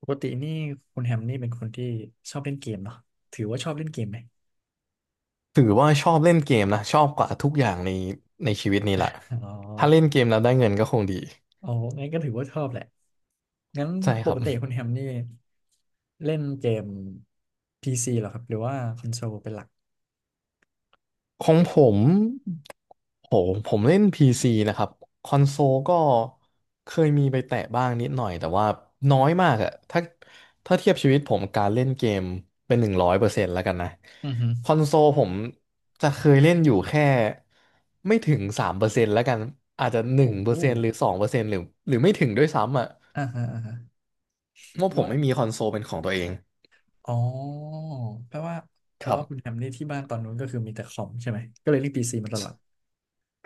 ปกตินี่คุณแฮมนี่เป็นคนที่ชอบเล่นเกมเนาะถือว่าชอบเล่นเกมไหมถือว่าชอบเล่นเกมนะชอบกว่าทุกอย่างในชีวิตนี้แหละอ๋อถ้าเล่นเกมแล้วได้เงินก็คงดีอ๋อางั้นก็ถือว่าชอบแหละงั้นใช่ปครักบติคุณแฮมนี่เล่นเกม PC เหรอครับหรือว่าคอนโซลเป็นหลักของผมโหผมเล่น PC นะครับคอนโซลก็เคยมีไปแตะบ้างนิดหน่อยแต่ว่าน้อยมากอะถ้าเทียบชีวิตผมการเล่นเกมเป็นหนึ่งร้อยเปอร์เซ็นต์แล้วกันนะอือฮึคอนโซลผมจะเคยเล่นอยู่แค่ไม่ถึงสามเปอร์เซ็นต์แล้วกันอาจจะหนึ่งโอ้เปโหอร์เซ็นต์หรือสองเปอร์เซ็นต์หรือไม่ถึงด้วยซ้ำอะ อ่าฮะอ่าฮะว่าแปลผมว่าไม่มีคอนโซลเป็นของตัวเองอ๋อแปลว่าแปคลรัว่าคุณแฮบมนี่ที่บ้านตอนนู้นก็คือมีแต่คอมใช่ไหมก็เลยเล่น PC มาตลอด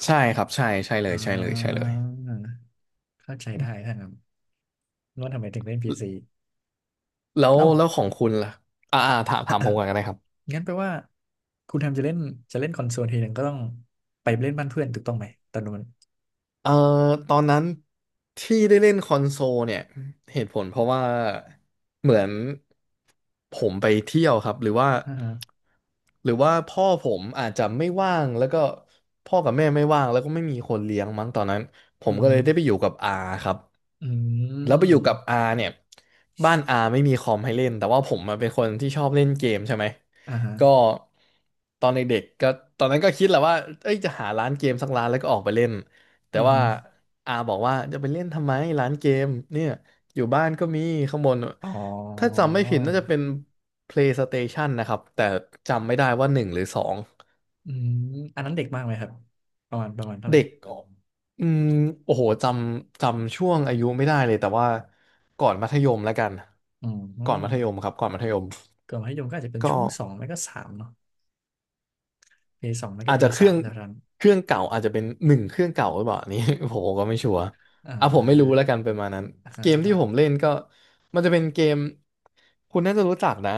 ใช่ครับ ใช่ ใช่เลอ่ย ใช่เลยใช่เลายเข้าใจได้ถ้างั้นว่าทำไมถึงเล่น PC แล้วเล่า แล้วของคุณล่ะถามผมก่อนก็ได้ครับ งั้นแปลว่าคุณแฮมจะเล่นคอนโซลทีหนึ่งก็ต้องไปเล่นบ้านเพื่อนถูกต้องไหมตอนนู้นเอ่อตอนนั้นที่ได้เล่นคอนโซลเนี่ยเหตุผลเพราะว่าเหมือนผมไปเที่ยวครับหรือว่าอ่าฮะพ่อผมอาจจะไม่ว่างแล้วก็พ่อกับแม่ไม่ว่างแล้วก็ไม่มีคนเลี้ยงมั้งตอนนั้นผอืมก็เลยได้ไปมอยู่กับอาครับอืแล้วไปอยู่กับมอาเนี่ยบ้านอาไม่มีคอมให้เล่นแต่ว่าผมมาเป็นคนที่ชอบเล่นเกมใช่ไหมอ่าฮะก็ตอนเด็กๆก็ตอนนั้นก็คิดแหละว่าเอ้ยจะหาร้านเกมสักร้านแล้วก็ออกไปเล่น แต่อืว่ามอาบอกว่าจะไปเล่นทำไมร้านเกมเนี่ยอยู่บ้านก็มีข้างบนอ๋ถ้าอจำไม่ผิดน่าจะเป็น PlayStation นะครับแต่จำไม่ได้ว่าหนึ่งหรือสองอืมอันนั้นเด็กมากไหมครับประมาณเท่าไหร่เด็กอออืมโอ้โหจำช่วงอายุไม่ได้เลยแต่ว่าก่อนมัธยมแล้วกันอืก่อนมัธยมมครับก่อนมัธยมก่อนมัธยมก็อาจจะเป็นก็ ช่วงสองไม่ก็สามเนาะเพย์สองไม่ก็อาจเพจะย์เคสารื่อมงเท่านั้นเครื่องเก่าอาจจะเป็นหนึ่งเครื่องเก่าหรือเปล่าอันนี้ ผมก็ไม่ชัวร์อ่อ่ะผมไม่รู้าแล้วกันประมาณนั้นอ่าฮะเกมอ่าที่ฮะผมเล่นก็มันจะเป็นเกมคุณน่าจะรู้จักนะ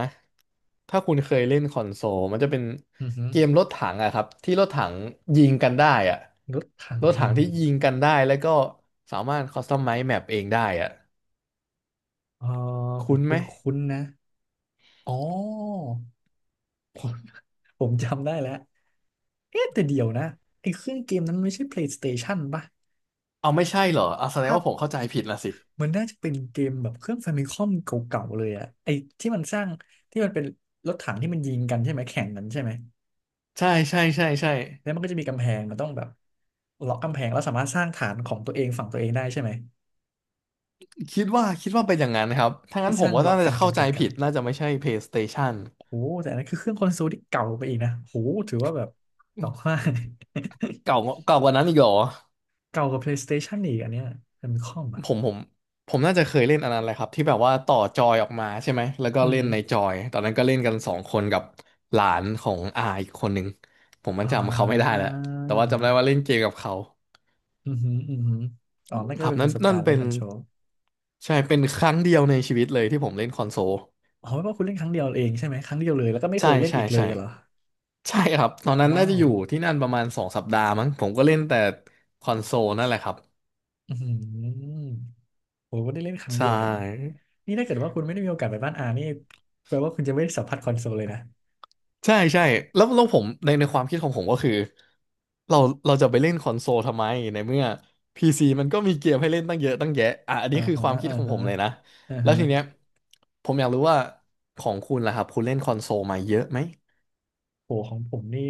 ถ้าคุณเคยเล่นคอนโซลมันจะเป็นอืเกมมรถถังอะครับที่รถถังยิงกันได้อะรถถังรถถันี่งที่กันยิงกันได้แล้วก็สามารถคอสตอมไมซ์แมปเองได้อะอ๋อผคุ้มนคไหมุ้นๆนะอ๋อ ผมจำได้แล้วเอ๊ะแต่เดี๋ยวนะไอ้เครื่องเกมนั้นมันไม่ใช่ PlayStation ป่ะเอาไม่ใช่เหรอเอาแสดงภาพว่าผมเข้าใจผิดละสิมันน่าจะเป็นเกมแบบเครื่อง ฟมิคอมเก่าๆเลยอะไอ้ที่มันสร้าง ที่มันเป็นรถถังที่มันยิงกันใช่ไหมแข่งกันใช่ไหม ใช่ใช่ใช่ใช่ แล้วมันก็จะมีกำแพงมันต้องแบบล็อกกำแพงแล้วสามารถสร้างฐานของตัวเองฝั่งตัวเองได้ใช่ไหมคิดว่าเป็นอย่างนั้นนะครับ ถ้างั้ที่นผสมร้างก็บล็อน่ากกัจะนกัเข้านใจกันกัผินดน่าจะไม่ใช่ PlayStation โอ้โหแต่อันนั้นคือเครื่องคอนโซลที่เก่าไปอีกนะโอ้โหถือว่าแบบอืต่อมว่า เก่าเก่ากว่านั้นอีกเหรอเก่ากว่า PlayStation อีกอันเนี้ยแฟมิคอมอ่ะผมผมผมน่าจะเคยเล่นอันนั้นแหละครับที่แบบว่าต่อจอยออกมาใช่ไหมแล้วก็อืเล่ม นในจอยตอนนั้นก็เล่นกันสองคนกับหลานของอาอีกคนหนึ่ง ผมมันอ่จำเขาไม่ได้าแล้ว แต่ว่าจำได้ว่าเล่นเกมกับเขาอือหืออือหืออ๋อนั่นก็ครับเป็นปนั่นระสบนั่กานรณ์เล่เป็นนคอนโทรลใช่เป็นครั้งเดียวในชีวิตเลยที่ผมเล่นคอนโซลอ๋อไม่ว่าคุณเล่นครั้งเดียวเองใช่ไหมครั้งเดียวเลยแล้วก็ไม่เคใช่ยเล่นใช่อีกเลยใช่ เหรอใช่ครับตอนนั้นน่าว้าจะวอยู่ที่นั่นประมาณสองสัปดาห์มั้งผมก็เล่นแต่คอนโซลนั่นแหละครับอือหือโอ้โหได้เล่นครั้งใชเดียวเลยนะ่นี่ถ้าเกิดว่าคุณไม่ได้มีโอกาสไปบ้านอานี่แปลว่าคุณจะไม่ได้สัมผัสคอนโซลเลยนะใช่ใช่แล้วผมในความคิดของผมก็คือเราเราจะไปเล่นคอนโซลทำไมในเมื่อ PC มันก็มีเกมให้เล่นตั้งเยอะตั้งแยะอ่ะอันอ่านี้คือฮะความคิดอ่าของผฮะมเลยนะอ่าแล้วฮะทีเนี้ยผมอยากรู้ว่าของคุณล่ะครับคุณเล่นคอนโซลมาเยอะไหมโหของผมนี่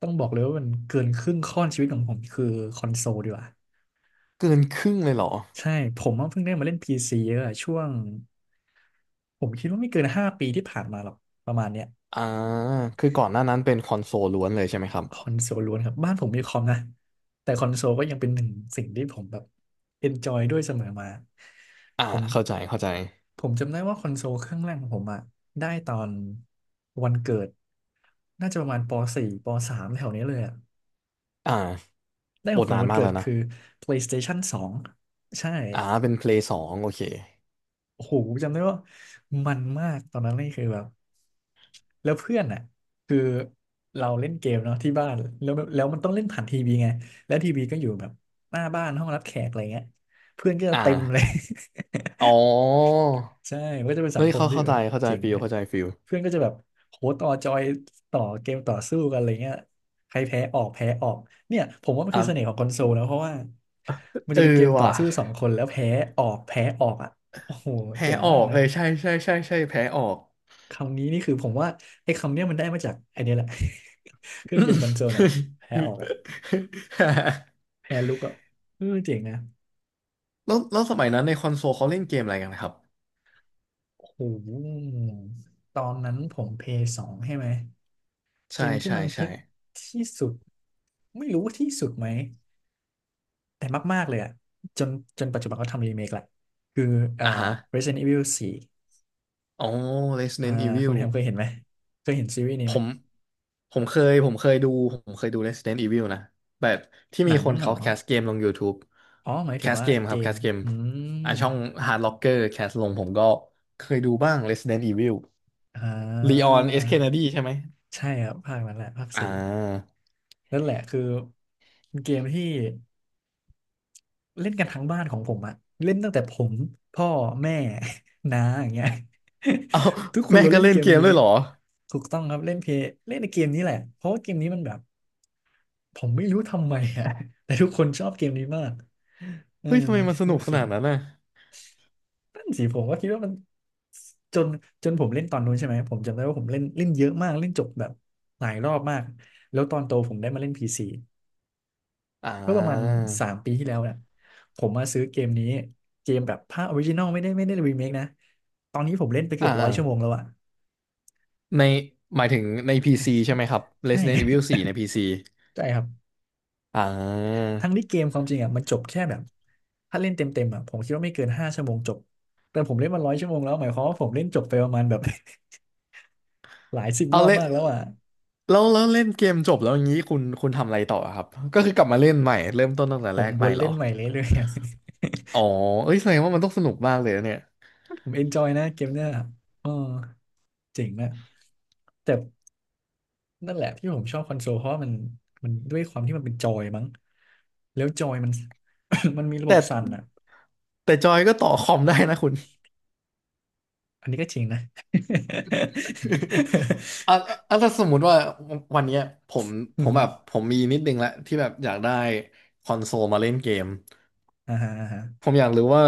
ต้องบอกเลยว่ามันเกินครึ่งข้อนชีวิตของผมคือคอนโซลดีกว่า เกินครึ่งเลยเหรอใช่ผมว่าเพิ่งได้มาเล่น PC เยอะอะช่วงผมคิดว่าไม่เกินห้าปีที่ผ่านมาหรอกประมาณเนี้ยอ่าคือก่อนหน้านั้นเป็นคอนโซลล้วนเลยใช่ไหมครับคอนโซลล้วนครับบ้านผมมีคอมนะแต่คอนโซลก็ยังเป็นหนึ่งสิ่งที่ผมแบบเอนจอยด้วยเสมอมาอ่าผมเข้าใจเข้าใจผมจำได้ว่าคอนโซลเครื่องแรกของผมอะได้ตอนวันเกิดน่าจะประมาณป .4 ป .3 แถวนี้เลยอะอ่าได้ขอองดขวัญนานวันมากเกิแล้ดวนะ คือ PlayStation 2ใช่ อ่าเป็นเพลย์สองโอเคโอ้โหจำได้ว่ามันมากตอนนั้นนี่คือแบบแล้วเพื่อนอ่ะคือเราเล่นเกมเนาะที่บ้านแล้วมันต้องเล่นผ่านทีวีไงแล้วทีวีก็อยู่แบบหน้าบ้านห้องรับแขกอะไรเงี้ยเพื่อนก็จะอ่าเต็มเลย อ๋อ ใช่มันก็จะเป็นสัเฮ้งยคมเข้าที่เข้าแบใจบเข้าใจเจ๋งฟิลนะเข้าใจฟิลเพื่อนก็จะแบบโหต่อจอยต่อเกมต่อสู้กันอะไรเงี้ยใครแพ้ออกแพ้ออกเนี่ยผมว่ามันอ่าคือเสน่ห์ของคอนโซลนะเพราะว่ามันเอจะอเป็นเกมต่อว่ะสู้สองคนแล้วแพ้ออกแพ้ออกอ่ะโอ้โหแพ้เจ๋งอมาอกกนะ เลยใช่ใช่ใช่ใช่แพ้ออก คำนี้นี่คือผมว่าไอ้คำเนี้ยมันได้มาจากไอ้เนี่ยแหละ เครื่องเกมคอนโซลน่ะนะแพ้ออกอ่ะ แพ้ลุกอ่ะเออเจ๋งนะแล้วสมัยนั้นในคอนโซลเขาเล่นเกมอะไรกันครับโอ้โหตอนนั้นผมเพย์สองใช่ไหมเกใช่มที่ใช่มันฮิใช่ตที่สุดไม่รู้ว่าที่สุดไหมแต่มากๆเลยอ่ะจนจนปัจจุบันเขาทำรีเมคแหละคืออ่า อ่าฮะ Resident Evil 4อ๋อ อ่า Resident คุณ Evil แฮมเคยเห็นไหมเคยเห็นซีรีส์นี้ผไหมมผมเคยผมเคยดู Resident Evil นะแบบที่หนัมีงคนเหเขารอแคสเกมลง YouTube อ๋อหมายแคถึงสว่าเกมคเกรับแคมสเกมอืมอ่ะช่อง Hard Locker แคสลงผมก็เคยดูบ้าง Resident Evil อ่ Leon S. Kennedy า ใช่ไหมใช่ครับภาคนั้นแหละภาคอ่สี่านั่นแหละคือเกมที่เล่นกันทั้งบ้านของผมอะเล่นตั้งแต่ผมพ่อแม่ น้าอย่างเงี้ย เอา ทุกคนแม่ล้วนก็เล่นเล่เกนมเกมนี้ด้วยเหรอถูกต้องครับเล่นเพย์เล่นในเกมนี้แหละเพราะว่าเกมนี้มันแบบผมไม่รู้ทำไมอะ แต่ทุกคนชอบเกมนี้มากเออเฮ้ยทำไมมันสไม่นุกรู้ขสินาดนั้นน่ะนั่นสิผมก็คิดว่ามันจนจนผมเล่นตอนนู้นใช่ไหมผมจำได้ว่าผมเล่นเล่นเยอะมากเล่นจบแบบหลายรอบมากแล้วตอนโตผมได้มาเล่นพีซี อ่เมื่อประมาณาสามปีที่แล้วเนี่ยผมมาซื้อเกมนี้เกมแบบภาคออริจินอลไม่ได้รีเมคนะตอนนี้ผมเล่นไปเกือ่าอบร้อยอ่าชั่วโมงแล้วอะในหมายถึงใน PC ใช่ไหมครับ ใช่ Resident Evil 4 ใน PC ใช่ครับอ่ทั้งที่า เกมความจริงอะมันจบแค่แบบถ้าเล่นเต็มอะผมคิดว่าไม่เกิน5 ชั่วโมงจบแต่ผมเล่นมา100 ชั่วโมงแล้วหมายความว่าผมเล่นจบไปประมาณแบบ หลายสิบเอารอบเล่นมากแล้แล้วอะวเล่นเกมจบแล้วอย่างนี้คุณทำอะไรต่อครับก็คือกลับมาเล่นใหม่เริ่มต้นตั้งแต่ผแรมกวใหม่นเหรเล่อนใหม่เรื่อยๆอะ อ๋อเอ้ยแสดงว่ามันต้องสนุกมากเลยนะเนี่ย ผมเอนจอยนะเกมเนี้ยอ๋อเจ๋งอะแต่นั่นแหละที่ผมชอบคอนโซลเพราะว่ามันด้วยความที่มันเป็นจอยมั้ง แล้วจอยมัน มันมีระบแต่บสั่นอ่ะแต่จอยก็ต่อคอมได้นะคุณ อันนี้ก็จริงนะ อ่ะอ่ะถ้าสมมุติว่าวันเนี้ยผม ผอือมฮึแบบผมมีนิดนึงละที่แบบอยากได้คอนโซลมาเล่นเกม อ่าฮะอ่าฮะผมอยากรู้ว่า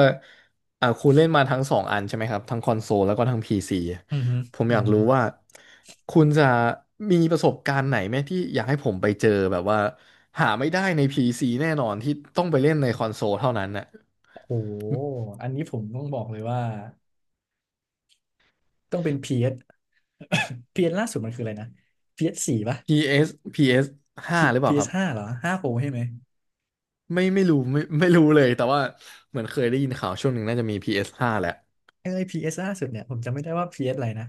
คุณเล่นมาทั้งสองอันใช่ไหมครับทั้งคอนโซลแล้วก็ทั้ง PC อือฮึผมอืออยากฮึรู้ว่าคุณจะมีประสบการณ์ไหมที่อยากให้ผมไปเจอแบบว่าหาไม่ได้ใน PC แน่นอนที่ต้องไปเล่นในคอนโซลเท่านั้นน่ะ โอ้โหอันนี้ผมต้องบอกเลยว่าต้องเป็นพีเอส พีเอส ล่าสุดมันคืออะไรนะพีเอสสี่ปะ PS อสพีเอสห้าห รือเปพีล่าเอคสรับห้าเหรอห้าโปรใช่ไหมไม่รู้ไม่รู้เลยแต่ว่าเหมือนเคยได้ยินข่าวช่วงหนึ่งน่าจะมี PS ห้าแหละเอ้ p สล่าสุดเนี่ยผมจำไม่ได้ว่า PS อสอะไรนะ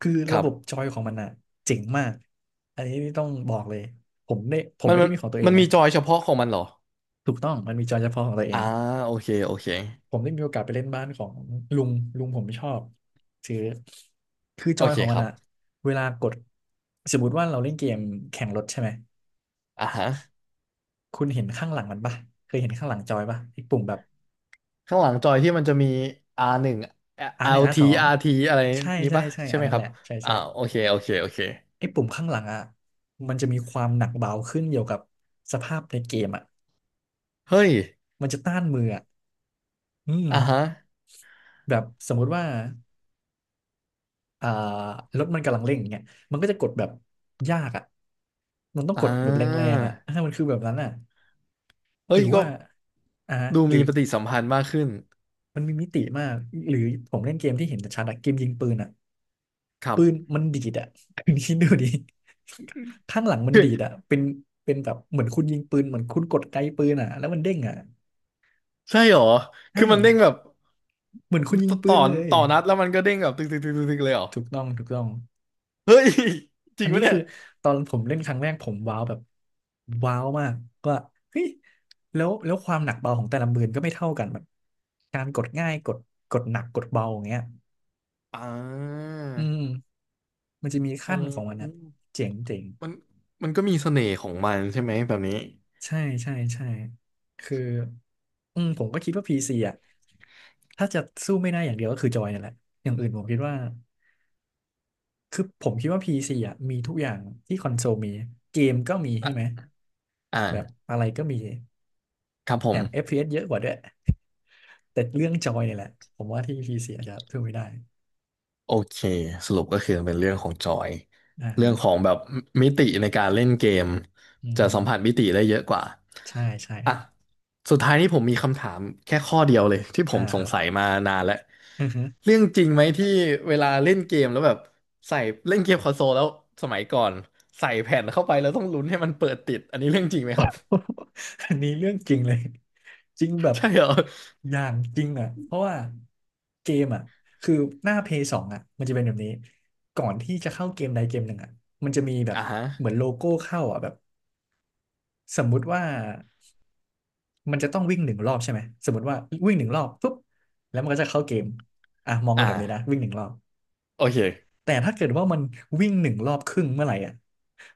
คือคระรับบจบอยของมันอ่ะเจ๋งมากอันนี้ต้องบอกเลยผมมันไม่ได้มันมีของตัวเอมังนนะมีจอยเฉพาะของมันเหรอถูกต้องมันมีจอยเฉพาะของตัวเออ่าง โอเคโอเคผมได้มีโอกาสไปเล่นบ้านของลุงลุงผมไม่ชอบคือคือจโออยเคของคมันรัอะบเวลากดสมมติว่าเราเล่นเกมแข่งรถใช่ไหมอ่าฮะ คุณเห็นข้างหลังมันปะเคยเห็นข้างหลังจอยปะไอ้ปุ่มแบบข้างหลังจอยที่มันจะมี R หนึ่ง อาร์หนึ่งอาร์ LT สอง RT อาร์ทีอะไรใช่นี้ใช่ปะใช่ใช่อันไหมนั้คนแหรับละใช่อ่าใช่โอเคโอเคโอเคไอ้ปุ่มข้างหลังอะมันจะมีความหนักเบาขึ้นเกี่ยวกับสภาพในเกมอะเฮ้ยมันจะต้านมืออะอืมอ่าฮะแบบสมมุติว่า อ่ารถมันกำลังเร่งอย่างเงี้ยมันก็จะกดแบบยากอ่ะมันต้องอ่กดแบบแรงาๆอ่ะมันคือแบบนั้นอ่ะหเฮ้รืยอก็ว่าอ่าดูหรืมีอปฏิสัมพันธ์มากขึ้นมันมีมิติมาก หรือผมเล่นเกมที่เห็นชัดอะเกมยิงปืนอ่ะครัปืนบมันดีดอ่ะ คุณคิดดูดิข้างหลังมันคืดีอดอ่ะเป็นแบบเหมือนคุณยิงปืนเหมือนคุณกดไกปืนอ่ะแล้วมันเด้งอ่ะใช่เหรอใช่คือมันเด้งแบบเหมือนคุณยิตงปืต่นอเลยต่อนัดแล้วมันก็เด้งแบบตึกตึกตึกตึกตึกเลยเหรอถูกต้องถูกต้อง เฮ้ยจอัริงนนี้ปะเนี่คืยอตอนผมเล่นครั้งแรกผมว้าวแบบว้าวมากว่าเฮ้ยแล้วความหนักเบาของแต่ละมือก็ไม่เท่ากันแบบการกดง่ายกดกดหนักกดเบาอย่างเงี้ยอ่าอืมมันจะมีเอาขั้นของมันอะเจ๋งเจ๋งมันมันก็มีเสน่ห์ของมันใช่ไหมแบบนี้ใช่ใช่ใช่คืออืมผมก็คิดว่าพีซีอะถ้าจะสู้ไม่ได้อย่างเดียวก็คือจอยนั่นแหละอย่างอื่นผมคิดว่าคือผมคิดว่า PC อ่ะมีทุกอย่างที่คอนโซลมีเกมก็มีใช่ไหมอ่าแบบอะไรก็มี ครับผแถม ม FPS เอสเยอะกว่าด้วย แต่เรื่องจอยเนี่ยแหละ ผมว่าที่ PC อาจจะส่้ไม่ได้โอเคสรุปก็คือเป็นเรื่องของจอยอ่าเรื่ฮะองของแบบมิติในการเล่นเกมอือจะฮึสัมผัสมิติได้เยอะกว่าใช่ใช่คอ่ะรับ สุดท้ายนี้ผมมีคำถามแค่ข้อเดียวเลยที่ผอ่ามสคงรับสัยมานานแล้วอือฮึ เรื่องจริงไหมที่เวลาเล่นเกมแล้วแบบใส่เล่นเกมคอนโซลแล้วสมัยก่อนใส่แผ่นเข้าไปแล้วต้องลุ้นให้มันเปิดติดอันนี้เรื่องจริงไหมครับ อันนี้เรื่องจริงเลยจริงแบ บใช่เหรออย่างจริงอ่ะ เพราะว่าเกมอ่ะคือหน้า Play 2องอ่ะมันจะเป็นแบบนี้ก่อนที่จะเข้าเกมใดเกมหนึ่งอ่ะมันจะมีแบบอ่าฮะเหมือนโลโก้เข้าอ่ะแบบสมมุติว่า มันจะต้องวิ่งหนึ่งรอบใช่ไหมสมมติว่าวิ่งหนึ่งรอบปุ๊บแล้วมันก็จะเข้าเกมอ่ะมองไปนอ่าแบบนี้นะวิ่งหนึ่งรอบโอเคแต่ถ้าเกิดว่ามันวิ่งหนึ่งรอบครึ่งเมื่อไหร่อ่ะ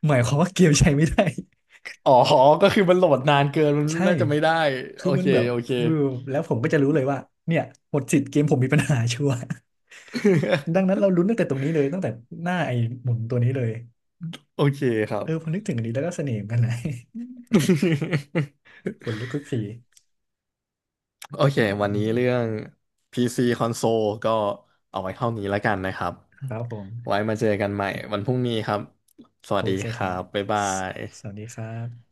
หมายความว่าเกมใช้ไม่ได้ อ๋อก็คือมันโหลดนานเกินมัน ใช่น่าจะไม่ได้คืโออมัเคนแบบโอเค ฟิวแล้วผมก็จะรู้เลยว่าเนี่ยหมดสิทธิ์เกมผมมีปัญหาชัวร์ ดั งนั้นเราลุ้นตั้งแต่ตรงนี้เลยตั้งแต่หน้าไอ้หมุนตัวนี้เลยโอเคครัเอบ อพอนึกถึงอันนี้แล้วก็เสน่ห์เหมือนกันนะ ขนลุกทุกทีโอเคอืวันนี้เรื่อมง PC คอนโซลก็เอาไว้เท่านี้แล้วกันนะครับๆๆครับผมไว้มาเจอกันใหม่วันพรุ่งนี้ครับสวัโอสดีเคคครัรับบบ๊ายบาสยสวัสดีครับ